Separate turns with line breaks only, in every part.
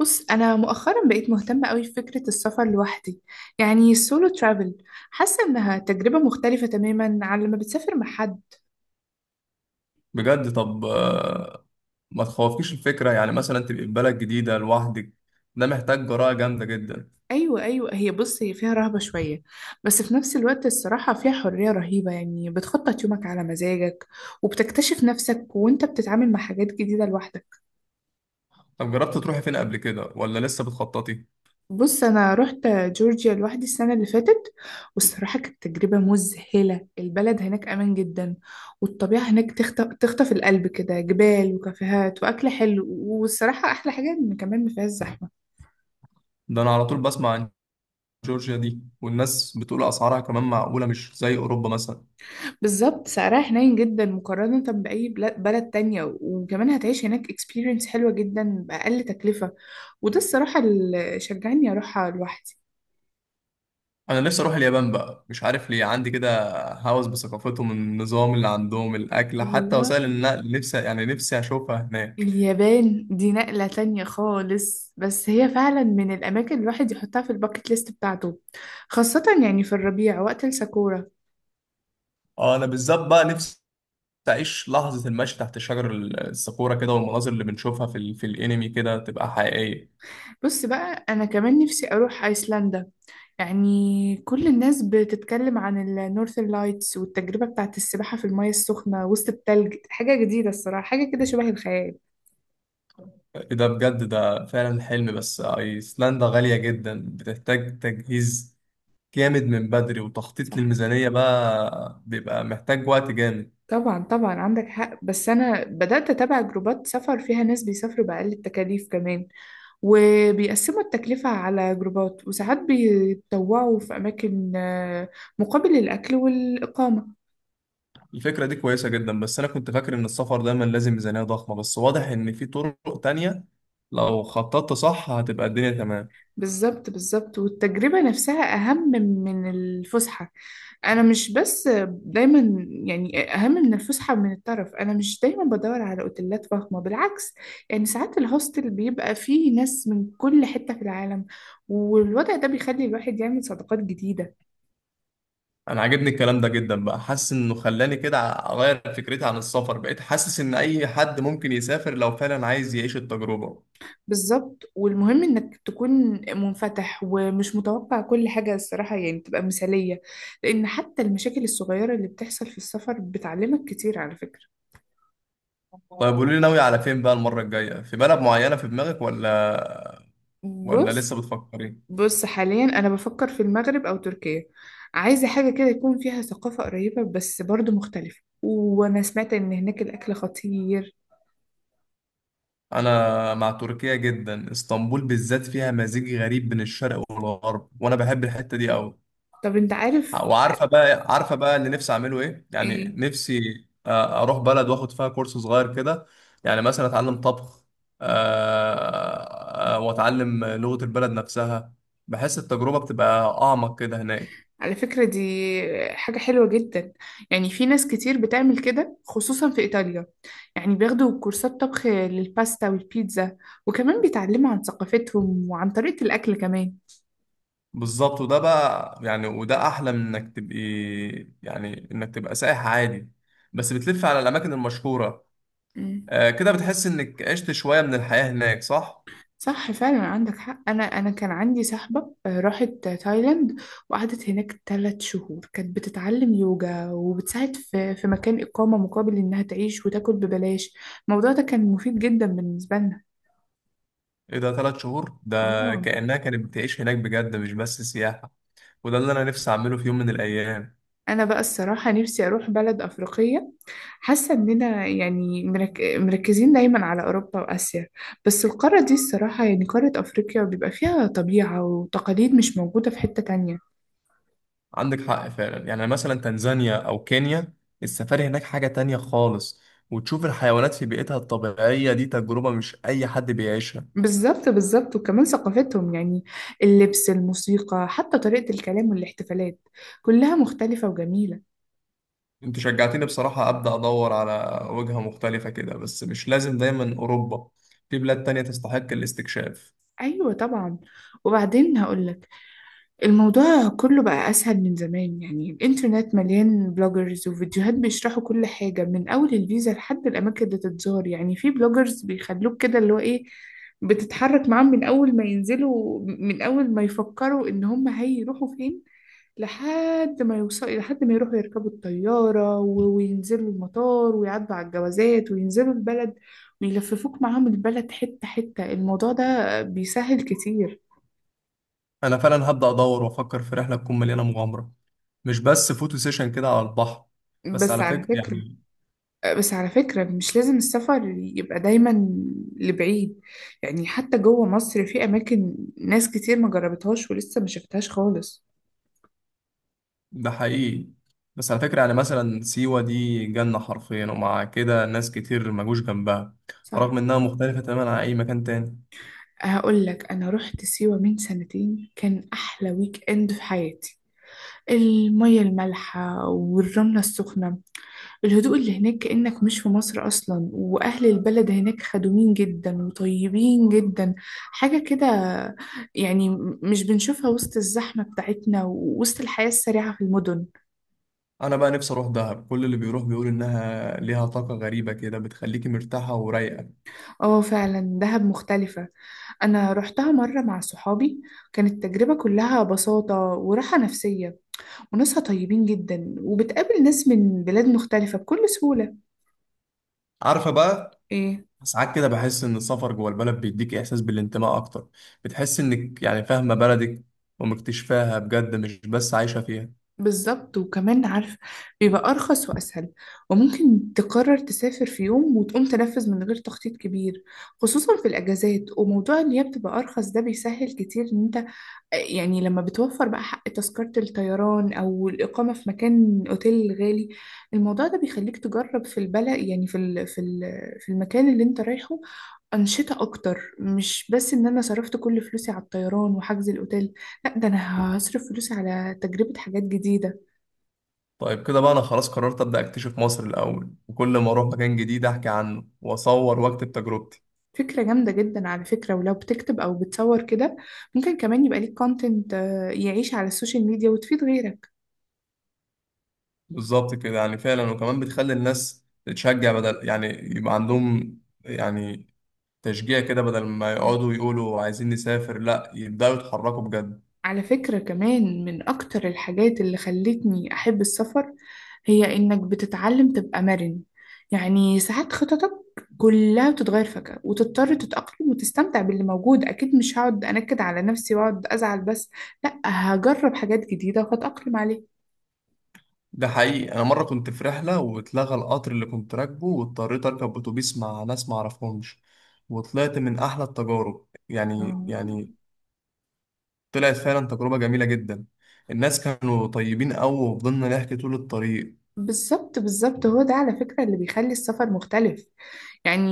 بص انا مؤخرا بقيت مهتمه قوي بفكره السفر لوحدي، يعني السولو ترافل. حاسه انها تجربه مختلفه تماما عن لما بتسافر مع حد.
بجد، طب، ما تخوفكيش الفكرة. يعني مثلا تبقي في بلد جديدة لوحدك؟ ده محتاج جراءة جامدة جدا.
ايوه ايوه، هي هي فيها رهبه شويه، بس في نفس الوقت الصراحه فيها حريه رهيبه، يعني بتخطط يومك على مزاجك وبتكتشف نفسك وانت بتتعامل مع حاجات جديده لوحدك.
طب جربت تروحي فين قبل كده ولا لسه بتخططي؟
بص، أنا رحت جورجيا لوحدي السنة اللي فاتت، والصراحة كانت تجربة مذهلة. البلد هناك أمان جدا، والطبيعة هناك تخطف القلب كده، جبال وكافيهات وأكل حلو، والصراحة أحلى حاجة إن كمان ما فيهاش زحمة.
ده أنا على طول بسمع عن جورجيا دي، والناس بتقول أسعارها كمان معقولة، مش زي أوروبا مثلا.
بالظبط، سعرها حنين جدا مقارنة بلد تانية، وكمان هتعيش هناك experience حلوة جدا بأقل تكلفة. وده الصراحة اللي شجعني أروحها لوحدي.
أنا نفسي أروح اليابان بقى، مش عارف ليه عندي كده هوس بثقافتهم، النظام اللي عندهم، الأكل، حتى وسائل
الله،
النقل. نفسي يعني نفسي أشوفها هناك.
اليابان دي نقلة تانية خالص، بس هي فعلا من الأماكن الواحد يحطها في الباكت ليست بتاعته، خاصة يعني في الربيع وقت الساكورا.
اه، أنا بالذات بقى نفسي تعيش لحظة المشي تحت شجر الساكورا كده، والمناظر اللي بنشوفها في الانمي كده تبقى حقيقية.
بص بقى، أنا كمان نفسي أروح أيسلندا، يعني كل الناس بتتكلم عن النورثern لايتس والتجربة بتاعت السباحة في المياه السخنة وسط التلج. حاجة جديدة الصراحة، حاجة كده شبه الخيال.
ده بجد، ده فعلا حلم، بس ايسلندا غالية جدا، بتحتاج تجهيز جامد من بدري وتخطيط
صح،
للميزانية، بقى بيبقى محتاج وقت جامد.
طبعا طبعا عندك حق، بس أنا بدأت أتابع جروبات سفر فيها ناس بيسافروا بأقل التكاليف كمان، وبيقسموا التكلفة على جروبات، وساعات بيتطوعوا في أماكن مقابل الأكل والإقامة.
الفكرة دي كويسة جدا، بس أنا كنت فاكر إن السفر دايما لازم ميزانية ضخمة، بس واضح إن في طرق تانية. لو خططت صح هتبقى الدنيا تمام.
بالظبط بالظبط، والتجربة نفسها أهم من الفسحة. أنا مش بس دايما، يعني أهم من الفسحة من الطرف. أنا مش دايما بدور على أوتيلات فخمة، بالعكس، يعني ساعات الهوستل بيبقى فيه ناس من كل حتة في العالم، والوضع ده بيخلي الواحد يعمل صداقات جديدة.
انا عاجبني الكلام ده جدا، بقى حاسس انه خلاني كده اغير فكرتي عن السفر، بقيت حاسس ان اي حد ممكن يسافر لو فعلا عايز يعيش التجربة.
بالظبط، والمهم انك تكون منفتح ومش متوقع كل حاجة الصراحة يعني تبقى مثالية، لان حتى المشاكل الصغيرة اللي بتحصل في السفر بتعلمك كتير على فكرة.
طيب قولي لي، ناوي على فين بقى المرة الجاية؟ في بلد معينة في دماغك ولا لسه
بص
بتفكري؟
بص حاليا انا بفكر في المغرب او تركيا. عايزة حاجة كده يكون فيها ثقافة قريبة بس برضو مختلفة، وانا سمعت ان هناك الاكل خطير.
انا مع تركيا جدا، اسطنبول بالذات فيها مزيج غريب بين الشرق والغرب، وانا بحب الحتة دي قوي.
طب انت عارف
وعارفه بقى اللي نفسي اعمله ايه، يعني
ايه،
نفسي اروح بلد واخد فيها كورس صغير كده. يعني مثلا اتعلم طبخ، واتعلم لغه البلد نفسها. بحس التجربه بتبقى اعمق كده هناك.
على فكرة دي حاجة حلوة جدا، يعني في ناس كتير بتعمل كده خصوصا في إيطاليا، يعني بياخدوا كورسات طبخ للباستا والبيتزا، وكمان بيتعلموا عن ثقافتهم وعن طريقة الأكل كمان.
بالظبط، وده بقى يعني، وده احلى من انك تبقي، يعني انك تبقى سائح عادي بس بتلف على الاماكن المشهوره.
مم.
كده بتحس انك عشت شويه من الحياه هناك، صح؟
صح فعلا عندك حق. أنا كان عندي صاحبة راحت تايلاند وقعدت هناك 3 شهور. كانت بتتعلم يوجا وبتساعد في مكان إقامة مقابل إنها تعيش وتاكل ببلاش. الموضوع ده كان مفيد جدا بالنسبة لنا.
ايه ده، ثلاث شهور؟ ده
اه،
كأنها كانت بتعيش هناك بجد، مش بس سياحة. وده اللي انا نفسي اعمله في يوم من الايام.
انا بقى الصراحه نفسي اروح بلد افريقيه. حاسه اننا يعني مركزين دايما على اوروبا واسيا، بس القاره دي الصراحه يعني قاره افريقيا بيبقى فيها طبيعه وتقاليد مش موجوده في حته تانية.
عندك حق فعلا، يعني مثلا تنزانيا او كينيا، السفاري هناك حاجة تانية خالص. وتشوف الحيوانات في بيئتها الطبيعية، دي تجربة مش اي حد بيعيشها.
بالظبط بالظبط، وكمان ثقافتهم يعني، اللبس، الموسيقى، حتى طريقه الكلام والاحتفالات، كلها مختلفه وجميله.
انت شجعتني بصراحة، ابدا ادور على وجهة مختلفة كده، بس مش لازم دايما اوروبا، في بلاد تانية تستحق الاستكشاف.
ايوه طبعا. وبعدين هقولك، الموضوع كله بقى أسهل من زمان، يعني الإنترنت مليان بلوجرز وفيديوهات بيشرحوا كل حاجة من أول الفيزا لحد الأماكن اللي تتزار. يعني في بلوجرز بيخلوك كده اللي هو إيه، بتتحرك معاهم من أول ما ينزلوا، من أول ما يفكروا إن هم هيروحوا فين، لحد ما يوصلوا، لحد ما يروحوا يركبوا الطيارة وينزلوا المطار ويعدوا على الجوازات وينزلوا البلد ويلففوك معاهم البلد حتة حتة. الموضوع ده بيسهل كتير.
انا فعلا هبدا ادور وافكر في رحلة تكون مليانة مغامرة، مش بس فوتو سيشن كده على البحر. بس
بس
على
على
فكرة
فكرة،
يعني.
مش لازم السفر يبقى دايما لبعيد، يعني حتى جوه مصر في أماكن ناس كتير ما جربتهاش ولسه ما شفتهاش خالص.
ده حقيقي. بس على فكرة، يعني مثلا سيوة دي جنة حرفيا، ومع كده ناس كتير مجوش جنبها،
صح،
رغم إنها مختلفة تماما عن أي مكان تاني.
هقول لك، أنا رحت سيوة من سنتين، كان أحلى ويك إند في حياتي. المية المالحة والرملة السخنة، الهدوء اللي هناك كأنك مش في مصر أصلا، وأهل البلد هناك خدومين جدا وطيبين جدا. حاجة كده يعني مش بنشوفها وسط الزحمة بتاعتنا ووسط الحياة السريعة في المدن.
أنا بقى نفسي أروح دهب، كل اللي بيروح بيقول إنها ليها طاقة غريبة كده بتخليكي مرتاحة ورايقة.
اه فعلا، دهب مختلفة. أنا رحتها مرة مع صحابي، كانت التجربة كلها بساطة وراحة نفسية، وناسها طيبين جدا، وبتقابل ناس من بلاد مختلفة بكل سهولة.
عارفة بقى،
إيه،
ساعات كده بحس إن السفر جوه البلد بيديك إحساس بالانتماء أكتر، بتحس إنك يعني فاهمة بلدك ومكتشفاها بجد، مش بس عايشة فيها.
بالظبط، وكمان عارف، بيبقى أرخص وأسهل، وممكن تقرر تسافر في يوم وتقوم تنفذ من غير تخطيط كبير، خصوصا في الأجازات. وموضوع إن هي بتبقى أرخص ده بيسهل كتير إن أنت، يعني لما بتوفر بقى حق تذكرة الطيران أو الإقامة في مكان أوتيل غالي، الموضوع ده بيخليك تجرب في البلد، يعني في المكان اللي أنت رايحه أنشطة أكتر، مش بس إن أنا صرفت كل فلوسي على الطيران وحجز الأوتيل. لأ، ده أنا هصرف فلوسي على تجربة حاجات جديدة.
طيب كده بقى، أنا خلاص قررت أبدأ أكتشف مصر الأول، وكل ما أروح مكان جديد أحكي عنه وأصور وأكتب تجربتي.
فكرة جامدة جدا على فكرة. ولو بتكتب أو بتصور كده، ممكن كمان يبقى ليك كونتنت يعيش على السوشيال ميديا وتفيد غيرك.
بالظبط كده يعني فعلا، وكمان بتخلي الناس تتشجع، بدل يعني يبقى عندهم يعني تشجيع كده، بدل ما
مم.
يقعدوا يقولوا عايزين نسافر، لا يبدأوا يتحركوا بجد.
على فكرة كمان، من أكتر الحاجات اللي خلتني أحب السفر هي إنك بتتعلم تبقى مرن، يعني ساعات خططك كلها بتتغير فجأة وتضطر تتأقلم وتستمتع باللي موجود. أكيد مش هقعد أنكد على نفسي وأقعد أزعل، بس لأ، هجرب حاجات جديدة وهتأقلم عليها.
ده حقيقي، انا مرة كنت في رحلة واتلغى القطر اللي كنت راكبه، واضطريت اركب اتوبيس مع ناس ما اعرفهمش، وطلعت من احلى التجارب يعني.
اه
طلعت فعلا تجربة جميلة جدا، الناس كانوا طيبين قوي وفضلنا نحكي طول الطريق.
بالظبط بالظبط، هو ده على فكرة اللي بيخلي السفر مختلف، يعني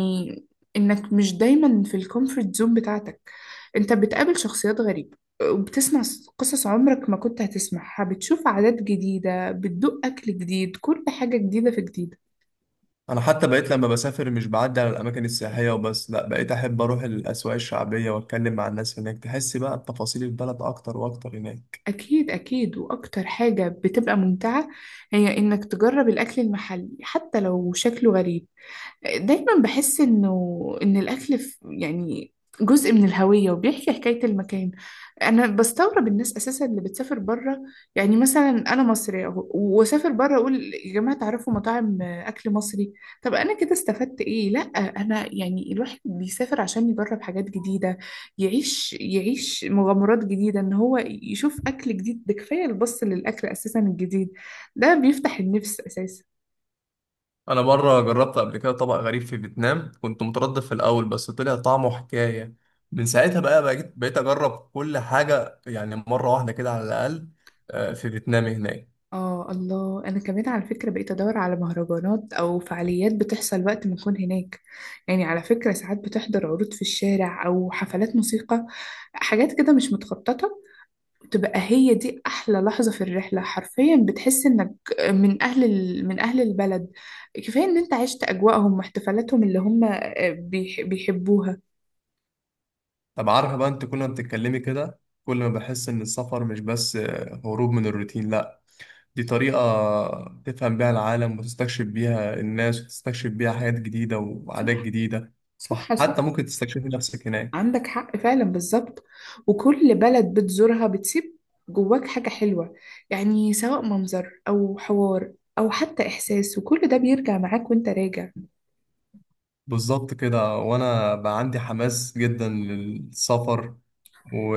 انك مش دايما في الكومفورت زون بتاعتك. انت بتقابل شخصيات غريبة، وبتسمع قصص عمرك ما كنت هتسمعها، بتشوف عادات جديدة، بتدوق أكل جديد، كل حاجة جديدة في جديدة.
انا حتى بقيت لما بسافر مش بعدي على الاماكن السياحيه وبس، لا بقيت احب اروح الاسواق الشعبيه واتكلم مع الناس هناك، تحس بقى بتفاصيل البلد اكتر واكتر هناك.
أكيد أكيد، وأكتر حاجة بتبقى ممتعة هي إنك تجرب الأكل المحلي حتى لو شكله غريب. دايما بحس انه ان الاكل يعني جزء من الهوية وبيحكي حكاية المكان. انا بستغرب الناس اساسا اللي بتسافر بره، يعني مثلا انا مصرية واسافر بره اقول يا جماعة تعرفوا مطاعم اكل مصري؟ طب انا كده استفدت ايه؟ لا انا يعني الواحد بيسافر عشان يجرب حاجات جديدة، يعيش يعيش مغامرات جديدة. ان هو يشوف اكل جديد ده كفاية. البص للاكل اساسا الجديد ده بيفتح النفس اساسا.
انا مره جربت قبل كده طبق غريب في فيتنام، كنت متردد في الاول بس طلع طعمه حكايه. من ساعتها بقى بقيت اجرب كل حاجه يعني مره واحده كده على الاقل، في فيتنام هناك.
اه الله، انا كمان على فكره بقيت ادور على مهرجانات او فعاليات بتحصل وقت ما اكون هناك. يعني على فكره ساعات بتحضر عروض في الشارع او حفلات موسيقى، حاجات كده مش متخططه، تبقى هي دي احلى لحظه في الرحله حرفيا. بتحس انك من اهل من اهل البلد، كفايه ان انت عشت اجواءهم واحتفالاتهم اللي هم بيحبوها.
طب عارفه بقى، انت كل ما بتتكلمي كده كل ما بحس ان السفر مش بس هروب من الروتين، لا، دي طريقة تفهم بيها العالم، وتستكشف بيها الناس، وتستكشف بيها حاجات جديدة وعادات
صح
جديدة،
صح صح،
وحتى ممكن تستكشفي نفسك هناك.
عندك حق فعلا، بالظبط. وكل بلد بتزورها بتسيب جواك حاجة حلوة، يعني سواء منظر أو حوار أو حتى إحساس، وكل ده بيرجع معاك وأنت راجع.
بالظبط كده، وأنا بقى عندي حماس جدا للسفر، و...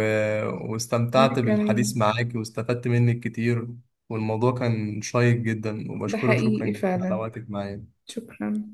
وأنا
واستمتعت بالحديث
كمان،
معاك واستفدت منك كتير، والموضوع كان شيق جدا،
ده
وبشكرك شكرا
حقيقي
جدا على
فعلا.
وقتك معايا.
شكرا.